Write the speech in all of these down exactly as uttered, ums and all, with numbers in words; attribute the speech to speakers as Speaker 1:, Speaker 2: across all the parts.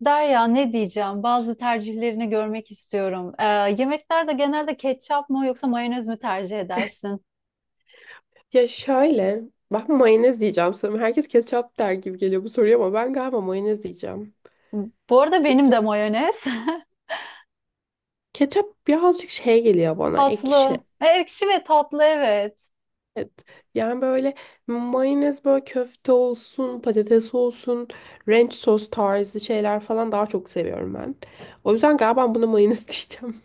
Speaker 1: Derya ne diyeceğim? Bazı tercihlerini görmek istiyorum. Ee, yemeklerde genelde ketçap mı yoksa mayonez mi tercih edersin?
Speaker 2: Ya şöyle, ben mayonez diyeceğim sanırım. Herkes ketçap der gibi geliyor bu soruya ama ben galiba mayonez diyeceğim.
Speaker 1: Bu arada
Speaker 2: Ya-
Speaker 1: benim
Speaker 2: ya
Speaker 1: de mayonez.
Speaker 2: Ketçap birazcık şey geliyor bana, ekşi.
Speaker 1: Tatlı. E, ekşi ve tatlı, evet.
Speaker 2: Evet. Yani böyle mayonez böyle köfte olsun, patates olsun, ranch sos tarzı şeyler falan daha çok seviyorum ben. O yüzden galiba buna mayonez diyeceğim.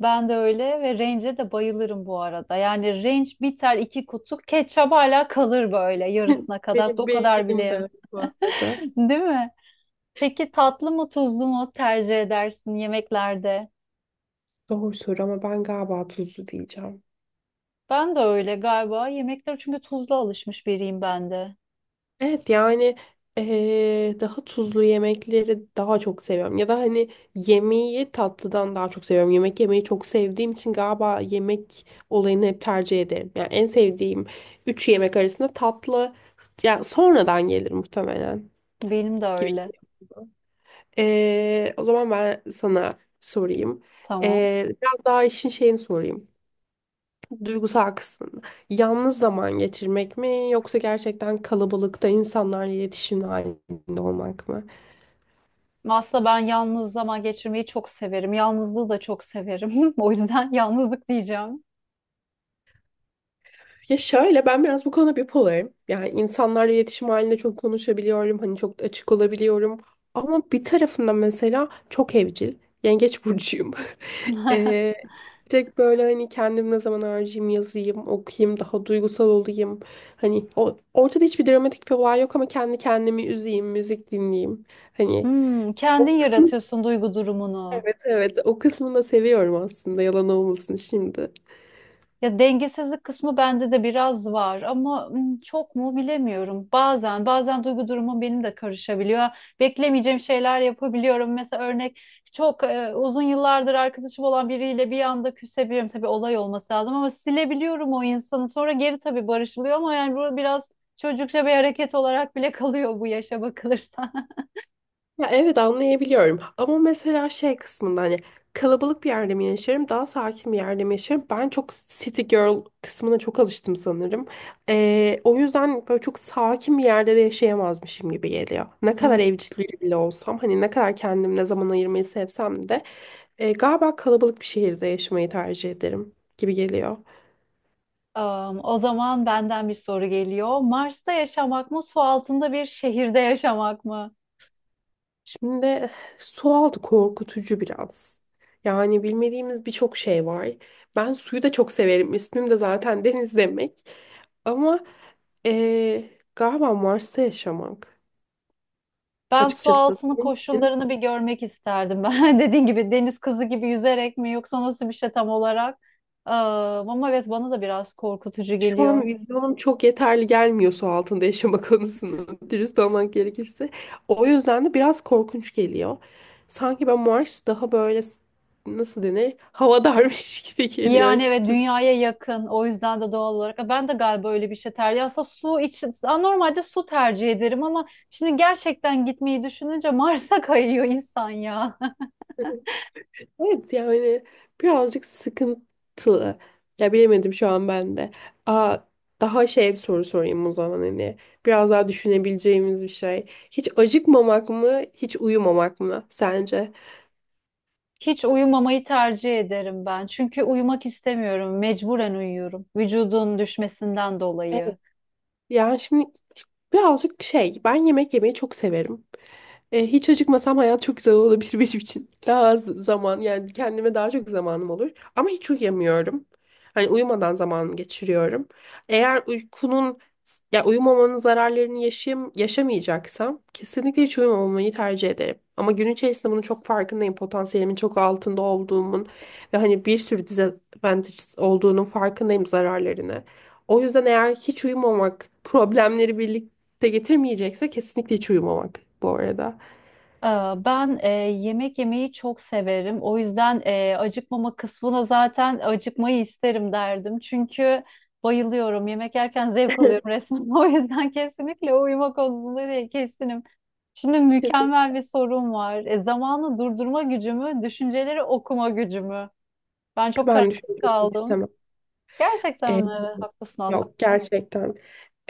Speaker 1: Ben de öyle ve range'e de bayılırım bu arada. Yani range biter, iki kutu ketçap hala kalır böyle yarısına kadar.
Speaker 2: Benim,
Speaker 1: O
Speaker 2: benim,
Speaker 1: kadar bile
Speaker 2: benim
Speaker 1: yemem.
Speaker 2: de bu arada.
Speaker 1: Değil mi? Peki tatlı mı tuzlu mu tercih edersin yemeklerde?
Speaker 2: Doğru soru ama ben galiba tuzlu diyeceğim.
Speaker 1: Ben de öyle galiba. Yemekler çünkü tuzlu alışmış biriyim ben de.
Speaker 2: Evet, yani eee, daha tuzlu yemekleri daha çok seviyorum. Ya da hani yemeği tatlıdan daha çok seviyorum. Yemek yemeyi çok sevdiğim için galiba yemek olayını hep tercih ederim. Yani en sevdiğim üç yemek arasında tatlı yani sonradan gelir muhtemelen
Speaker 1: Benim de
Speaker 2: gibi.
Speaker 1: öyle.
Speaker 2: Geliyor. Eee, o zaman ben sana sorayım.
Speaker 1: Tamam.
Speaker 2: Eee, biraz daha işin şeyini sorayım. Duygusal kısmında. Yalnız zaman geçirmek mi yoksa gerçekten kalabalıkta insanlarla iletişim halinde olmak mı?
Speaker 1: Aslında ben yalnız zaman geçirmeyi çok severim. Yalnızlığı da çok severim. O yüzden yalnızlık diyeceğim.
Speaker 2: Ya şöyle, ben biraz bu konuda bipolarım. Yani insanlarla iletişim halinde çok konuşabiliyorum. Hani çok açık olabiliyorum. Ama bir tarafında mesela çok evcil. Yengeç burcuyum. Ee, Direkt böyle hani kendim ne zaman harcayayım, yazayım, okuyayım, daha duygusal olayım. Hani o, ortada hiçbir dramatik bir olay yok ama kendi kendimi üzeyim, müzik dinleyeyim. Hani
Speaker 1: Hmm, kendin
Speaker 2: o kısmı.
Speaker 1: yaratıyorsun duygu durumunu.
Speaker 2: Evet, evet, o kısmını da seviyorum aslında, yalan olmasın şimdi.
Speaker 1: Ya dengesizlik kısmı bende de biraz var ama ım, çok mu bilemiyorum. Bazen bazen duygu durumum benim de karışabiliyor. Beklemeyeceğim şeyler yapabiliyorum. Mesela örnek, çok e, uzun yıllardır arkadaşım olan biriyle bir anda küsebiliyorum. Tabii olay olması lazım ama silebiliyorum o insanı. Sonra geri tabii barışılıyor ama yani bu biraz çocukça bir hareket olarak bile kalıyor bu yaşa bakılırsa.
Speaker 2: Ya evet, anlayabiliyorum ama mesela şey kısmında hani kalabalık bir yerde mi yaşarım daha sakin bir yerde mi yaşarım, ben çok city girl kısmına çok alıştım sanırım. Ee, o yüzden böyle çok sakin bir yerde de yaşayamazmışım gibi geliyor. Ne
Speaker 1: Hmm.
Speaker 2: kadar evcil bile olsam, hani ne kadar kendim ne zaman ayırmayı sevsem de e, galiba kalabalık bir şehirde yaşamayı tercih ederim gibi geliyor.
Speaker 1: Am, o zaman benden bir soru geliyor. Mars'ta yaşamak mı, su altında bir şehirde yaşamak mı?
Speaker 2: Şimdi sualtı korkutucu biraz. Yani bilmediğimiz birçok şey var. Ben suyu da çok severim. İsmim de zaten deniz demek. Ama eee, galiba Mars'ta yaşamak
Speaker 1: Ben su
Speaker 2: açıkçası
Speaker 1: altını
Speaker 2: senin için.
Speaker 1: koşullarını bir görmek isterdim. Ben dediğin gibi deniz kızı gibi yüzerek mi, yoksa nasıl bir şey tam olarak? Ee, ama evet, bana da biraz korkutucu
Speaker 2: Şu
Speaker 1: geliyor.
Speaker 2: an vizyonum çok yeterli gelmiyor su altında yaşama konusunu dürüst olmak gerekirse. O yüzden de biraz korkunç geliyor. Sanki ben Mars daha böyle s- nasıl denir havadarmış gibi geliyor
Speaker 1: Yani evet,
Speaker 2: açıkçası.
Speaker 1: dünyaya yakın, o yüzden de doğal olarak ben de galiba öyle bir şey tercih. Aslında su için, Aa, normalde su tercih ederim ama şimdi gerçekten gitmeyi düşününce Mars'a kayıyor insan ya.
Speaker 2: Evet, yani birazcık sıkıntılı. Ya bilemedim şu an ben de. Aa, Daha şey bir soru sorayım o zaman hani. Biraz daha düşünebileceğimiz bir şey. Hiç acıkmamak mı, hiç uyumamak mı sence?
Speaker 1: Hiç uyumamayı tercih ederim ben. Çünkü uyumak istemiyorum. Mecburen uyuyorum. Vücudun düşmesinden dolayı.
Speaker 2: Evet. Yani şimdi birazcık şey, ben yemek yemeyi çok severim. E, hiç acıkmasam hayat çok güzel olabilir benim için. Daha az zaman, yani kendime daha çok zamanım olur. Ama hiç uyuyamıyorum. Hani uyumadan zaman geçiriyorum. Eğer uykunun ya uyumamanın zararlarını yaşayam yaşamayacaksam kesinlikle hiç uyumamayı tercih ederim. Ama gün içerisinde bunun çok farkındayım. Potansiyelimin çok altında olduğumun ve hani bir sürü disadvantages olduğunun farkındayım, zararlarını. O yüzden eğer hiç uyumamak problemleri birlikte getirmeyecekse kesinlikle hiç uyumamak bu arada.
Speaker 1: Ee, Ben e, yemek yemeyi çok severim. O yüzden e, acıkmama kısmına, zaten acıkmayı isterim derdim. Çünkü bayılıyorum. Yemek yerken zevk
Speaker 2: Hı.
Speaker 1: alıyorum resmen. O yüzden kesinlikle uyuma konusunda de kesinim. Şimdi mükemmel
Speaker 2: Kesinlikle
Speaker 1: bir sorum var. E, zamanı durdurma gücümü, düşünceleri okuma gücümü. Ben çok
Speaker 2: ben
Speaker 1: kararsız
Speaker 2: düşünmek
Speaker 1: kaldım.
Speaker 2: istemem.
Speaker 1: Gerçekten
Speaker 2: Ee,
Speaker 1: mi? Evet, haklısın
Speaker 2: Yok,
Speaker 1: aslında.
Speaker 2: gerçekten.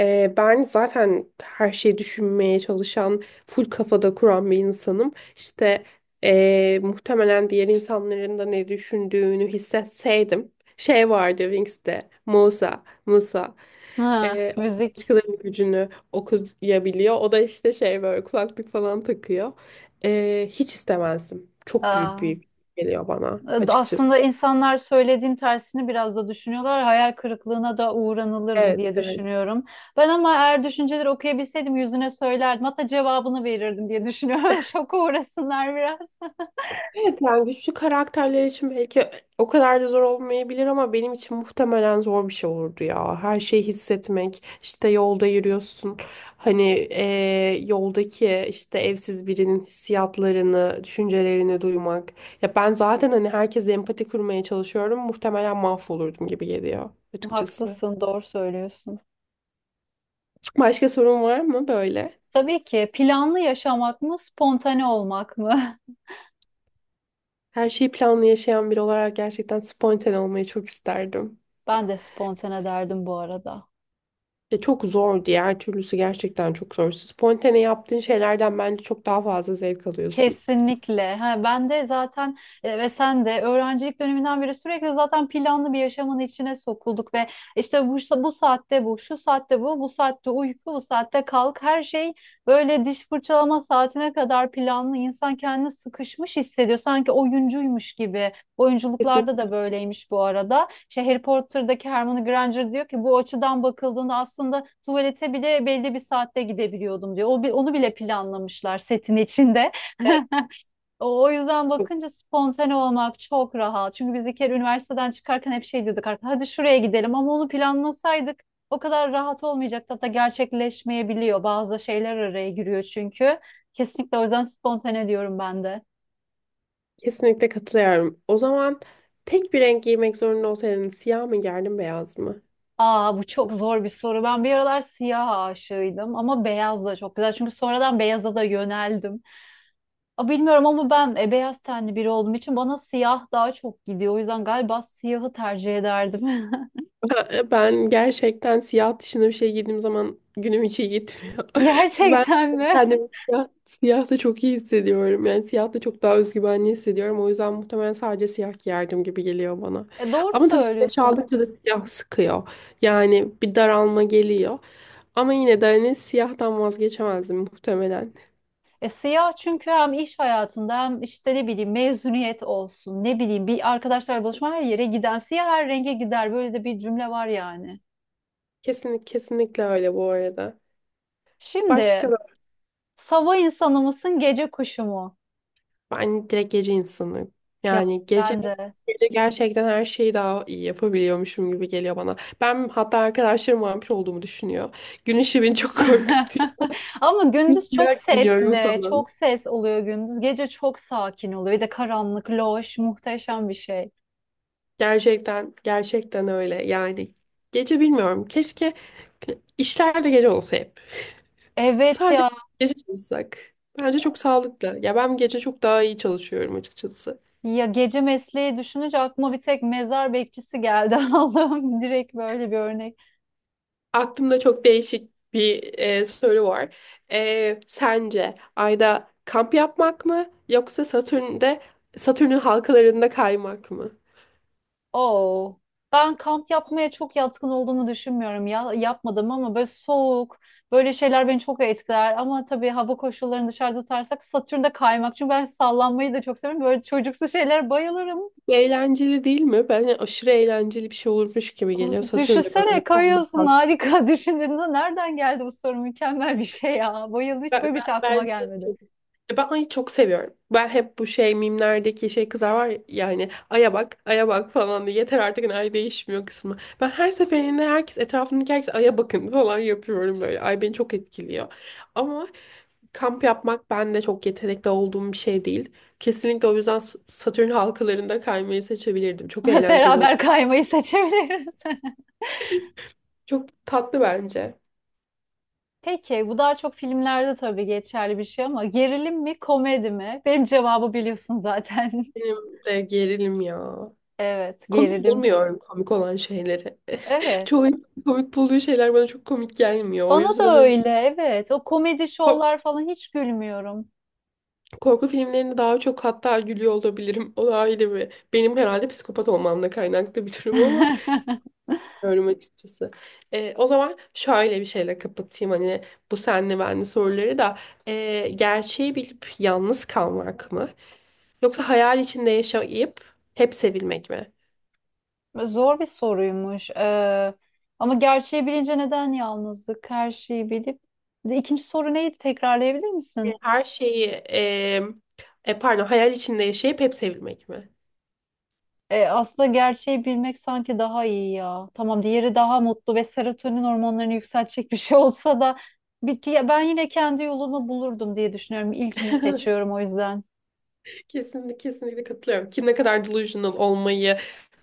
Speaker 2: Ee, ben zaten her şeyi düşünmeye çalışan, full kafada kuran bir insanım. İşte ee, muhtemelen diğer insanların da ne düşündüğünü hissetseydim. Şey vardı Wings'te, Musa, Musa.
Speaker 1: Ha,
Speaker 2: Ee,
Speaker 1: müzik.
Speaker 2: Başkalarının gücünü okuyabiliyor. O da işte şey böyle kulaklık falan takıyor. Ee, hiç istemezdim. Çok büyük
Speaker 1: Aa.
Speaker 2: büyük geliyor bana açıkçası.
Speaker 1: Aslında insanlar söylediğin tersini biraz da düşünüyorlar. Hayal kırıklığına da uğranılırdı
Speaker 2: Evet,
Speaker 1: diye
Speaker 2: evet.
Speaker 1: düşünüyorum. Ben ama eğer düşünceleri okuyabilseydim yüzüne söylerdim. Hatta cevabını verirdim diye düşünüyorum. Şoka uğrasınlar biraz.
Speaker 2: Evet, yani güçlü karakterler için belki o kadar da zor olmayabilir ama benim için muhtemelen zor bir şey olurdu ya. Her şeyi hissetmek, işte yolda yürüyorsun. Hani eee, yoldaki işte evsiz birinin hissiyatlarını, düşüncelerini duymak. Ya ben zaten hani herkese empati kurmaya çalışıyorum. Muhtemelen mahvolurdum gibi geliyor açıkçası.
Speaker 1: Haklısın, doğru söylüyorsun.
Speaker 2: Başka sorun var mı böyle?
Speaker 1: Tabii ki, planlı yaşamak mı, spontane olmak mı?
Speaker 2: Her şeyi planlı yaşayan biri olarak gerçekten spontane olmayı çok isterdim.
Speaker 1: Ben de spontane derdim bu arada.
Speaker 2: Ve çok zor, diğer türlüsü gerçekten çok zor. Spontane yaptığın şeylerden bence çok daha fazla zevk alıyorsun.
Speaker 1: Kesinlikle. Ha, ben de zaten, e, ve sen de öğrencilik döneminden beri sürekli zaten planlı bir yaşamın içine sokulduk ve işte bu, bu saatte bu, şu saatte bu, bu saatte uyku, bu saatte kalk. Her şey böyle diş fırçalama saatine kadar planlı. İnsan kendini sıkışmış hissediyor. Sanki oyuncuymuş gibi. Oyunculuklarda da
Speaker 2: Kesinlikle,
Speaker 1: böyleymiş bu arada. Şey, Harry Potter'daki Hermione Granger diyor ki bu açıdan bakıldığında aslında tuvalete bile belli bir saatte gidebiliyordum diyor. O, bi- onu bile planlamışlar setin içinde. O o yüzden bakınca spontane olmak çok rahat. Çünkü biz bir kere üniversiteden çıkarken hep şey diyorduk, artık hadi şuraya gidelim, ama onu planlasaydık o kadar rahat olmayacaktı. Hatta gerçekleşmeyebiliyor. Bazı şeyler araya giriyor çünkü. Kesinlikle, o yüzden spontane diyorum ben de.
Speaker 2: kesinlikle katılıyorum. O zaman tek bir renk giymek zorunda olsaydın siyah mı giyerdin beyaz mı?
Speaker 1: Aa, bu çok zor bir soru. Ben bir aralar siyah aşığıydım ama beyaz da çok güzel. Çünkü sonradan beyaza da yöneldim. Aa, bilmiyorum ama ben, e, beyaz tenli biri olduğum için bana siyah daha çok gidiyor. O yüzden galiba siyahı tercih ederdim.
Speaker 2: Ha, e, Ben gerçekten siyah dışında bir şey giydiğim zaman günüm hiç iyi gitmiyor. Ben
Speaker 1: Gerçekten mi?
Speaker 2: kendimi siyah, siyahta çok iyi hissediyorum. Yani siyahta çok daha özgüvenli hissediyorum. O yüzden muhtemelen sadece siyah giyerdim gibi geliyor bana.
Speaker 1: E, doğru
Speaker 2: Ama tabii güneş
Speaker 1: söylüyorsun.
Speaker 2: aldıkça da siyah sıkıyor. Yani bir daralma geliyor. Ama yine de hani siyahtan vazgeçemezdim muhtemelen.
Speaker 1: E, siyah çünkü hem iş hayatında, hem işte ne bileyim mezuniyet olsun, ne bileyim bir arkadaşlar buluşma, her yere giden siyah, her renge gider, böyle de bir cümle var yani.
Speaker 2: Kesinlikle, kesinlikle öyle bu arada. Başka.
Speaker 1: Şimdi sabah insanı mısın, gece kuşu mu?
Speaker 2: Ben direkt gece insanıyım.
Speaker 1: Ya
Speaker 2: Yani gece
Speaker 1: ben de.
Speaker 2: gece gerçekten her şeyi daha iyi yapabiliyormuşum gibi geliyor bana. Ben hatta arkadaşlarım vampir olduğumu düşünüyor. Gün ışığı beni çok korkutuyor.
Speaker 1: Ama
Speaker 2: Bir
Speaker 1: gündüz çok
Speaker 2: siyah giyiniyorum
Speaker 1: sesli,
Speaker 2: falan.
Speaker 1: çok ses oluyor gündüz. Gece çok sakin oluyor. Bir de karanlık, loş, muhteşem bir şey.
Speaker 2: Gerçekten gerçekten öyle. Yani gece bilmiyorum. Keşke işler de gece olsa hep.
Speaker 1: Evet
Speaker 2: Sadece
Speaker 1: ya.
Speaker 2: gece çalışsak. Bence çok sağlıklı. Ya ben gece çok daha iyi çalışıyorum açıkçası.
Speaker 1: Ya gece mesleği düşününce aklıma bir tek mezar bekçisi geldi. Allah'ım, direkt böyle bir örnek.
Speaker 2: Aklımda çok değişik bir e, soru var. E, sence Ay'da kamp yapmak mı yoksa Satürn'de Satürn'ün halkalarında kaymak mı?
Speaker 1: Oo. Ben kamp yapmaya çok yatkın olduğumu düşünmüyorum ya. Yapmadım ama böyle soğuk, böyle şeyler beni çok etkiler. Ama tabii hava koşullarını dışarıda tutarsak Satürn'de kaymak. Çünkü ben sallanmayı da çok severim. Böyle çocuksu şeylere bayılırım.
Speaker 2: Eğlenceli değil mi? Bence aşırı eğlenceli bir şey olurmuş gibi
Speaker 1: Of,
Speaker 2: geliyor Satürn'de
Speaker 1: düşünsene
Speaker 2: böyle kaymak.
Speaker 1: kayıyorsun, harika. Düşüncende nereden geldi bu soru? Mükemmel bir şey ya. Bayıldım. Hiç
Speaker 2: Ben,
Speaker 1: böyle bir
Speaker 2: ben,
Speaker 1: şey aklıma
Speaker 2: bence
Speaker 1: gelmedi.
Speaker 2: de. Ya ben ayı çok seviyorum. Ben hep bu şey mimlerdeki şey kızlar var ya, yani aya bak aya bak falan diye, yeter artık hani ay değişmiyor kısmı. Ben her seferinde herkes etrafındaki herkes aya bakın falan yapıyorum böyle. Ay beni çok etkiliyor. Ama kamp yapmak ben de çok yetenekli olduğum bir şey değil. Kesinlikle o yüzden S- Satürn halkalarında kaymayı seçebilirdim. Çok eğlenceli
Speaker 1: Beraber
Speaker 2: oldu.
Speaker 1: kaymayı seçebiliriz.
Speaker 2: Çok tatlı bence.
Speaker 1: Peki bu daha çok filmlerde tabii geçerli bir şey ama gerilim mi komedi mi? Benim cevabı biliyorsun zaten.
Speaker 2: Benim de gerilim ya.
Speaker 1: Evet,
Speaker 2: Komik
Speaker 1: gerilim.
Speaker 2: bulmuyorum komik olan şeyleri.
Speaker 1: Evet.
Speaker 2: Çoğu insan komik bulduğu şeyler bana çok komik gelmiyor. O
Speaker 1: Bana
Speaker 2: yüzden
Speaker 1: da
Speaker 2: hani
Speaker 1: öyle, evet. O komedi
Speaker 2: ko-
Speaker 1: şovlar falan, hiç gülmüyorum.
Speaker 2: korku filmlerinde daha çok hatta gülüyor olabilirim. O da ayrı bir. Benim herhalde psikopat olmamla kaynaklı bir durum ama bilmiyorum açıkçası. Ee, o zaman şöyle bir şeyle kapatayım hani bu senli benli soruları da. Ee, gerçeği bilip yalnız kalmak mı? Yoksa hayal içinde yaşayıp hep sevilmek mi?
Speaker 1: Zor bir soruymuş. Ee, ama gerçeği bilince neden yalnızlık? Her şeyi bilip. Bir de İkinci soru neydi? Tekrarlayabilir misin?
Speaker 2: Her şeyi e, e, Pardon, hayal içinde yaşayıp hep sevilmek mi?
Speaker 1: E, aslında gerçeği bilmek sanki daha iyi ya. Tamam, diğeri daha mutlu ve serotonin hormonlarını yükseltecek bir şey olsa da bir, ki- ben yine kendi yolumu bulurdum diye düşünüyorum. İlkini seçiyorum o yüzden.
Speaker 2: Kesinlikle, kesinlikle katılıyorum ki ne kadar delusional olmayı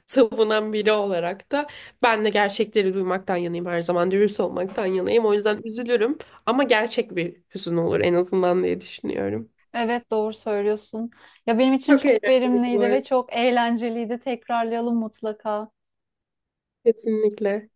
Speaker 2: savunan biri olarak da ben de gerçekleri duymaktan yanayım, her zaman dürüst olmaktan yanayım, o yüzden üzülürüm ama gerçek bir hüzün olur en azından diye düşünüyorum.
Speaker 1: Evet, doğru söylüyorsun. Ya benim için
Speaker 2: Çok
Speaker 1: çok
Speaker 2: eğlenceli bu
Speaker 1: verimliydi ve
Speaker 2: arada.
Speaker 1: çok eğlenceliydi. Tekrarlayalım mutlaka.
Speaker 2: Kesinlikle.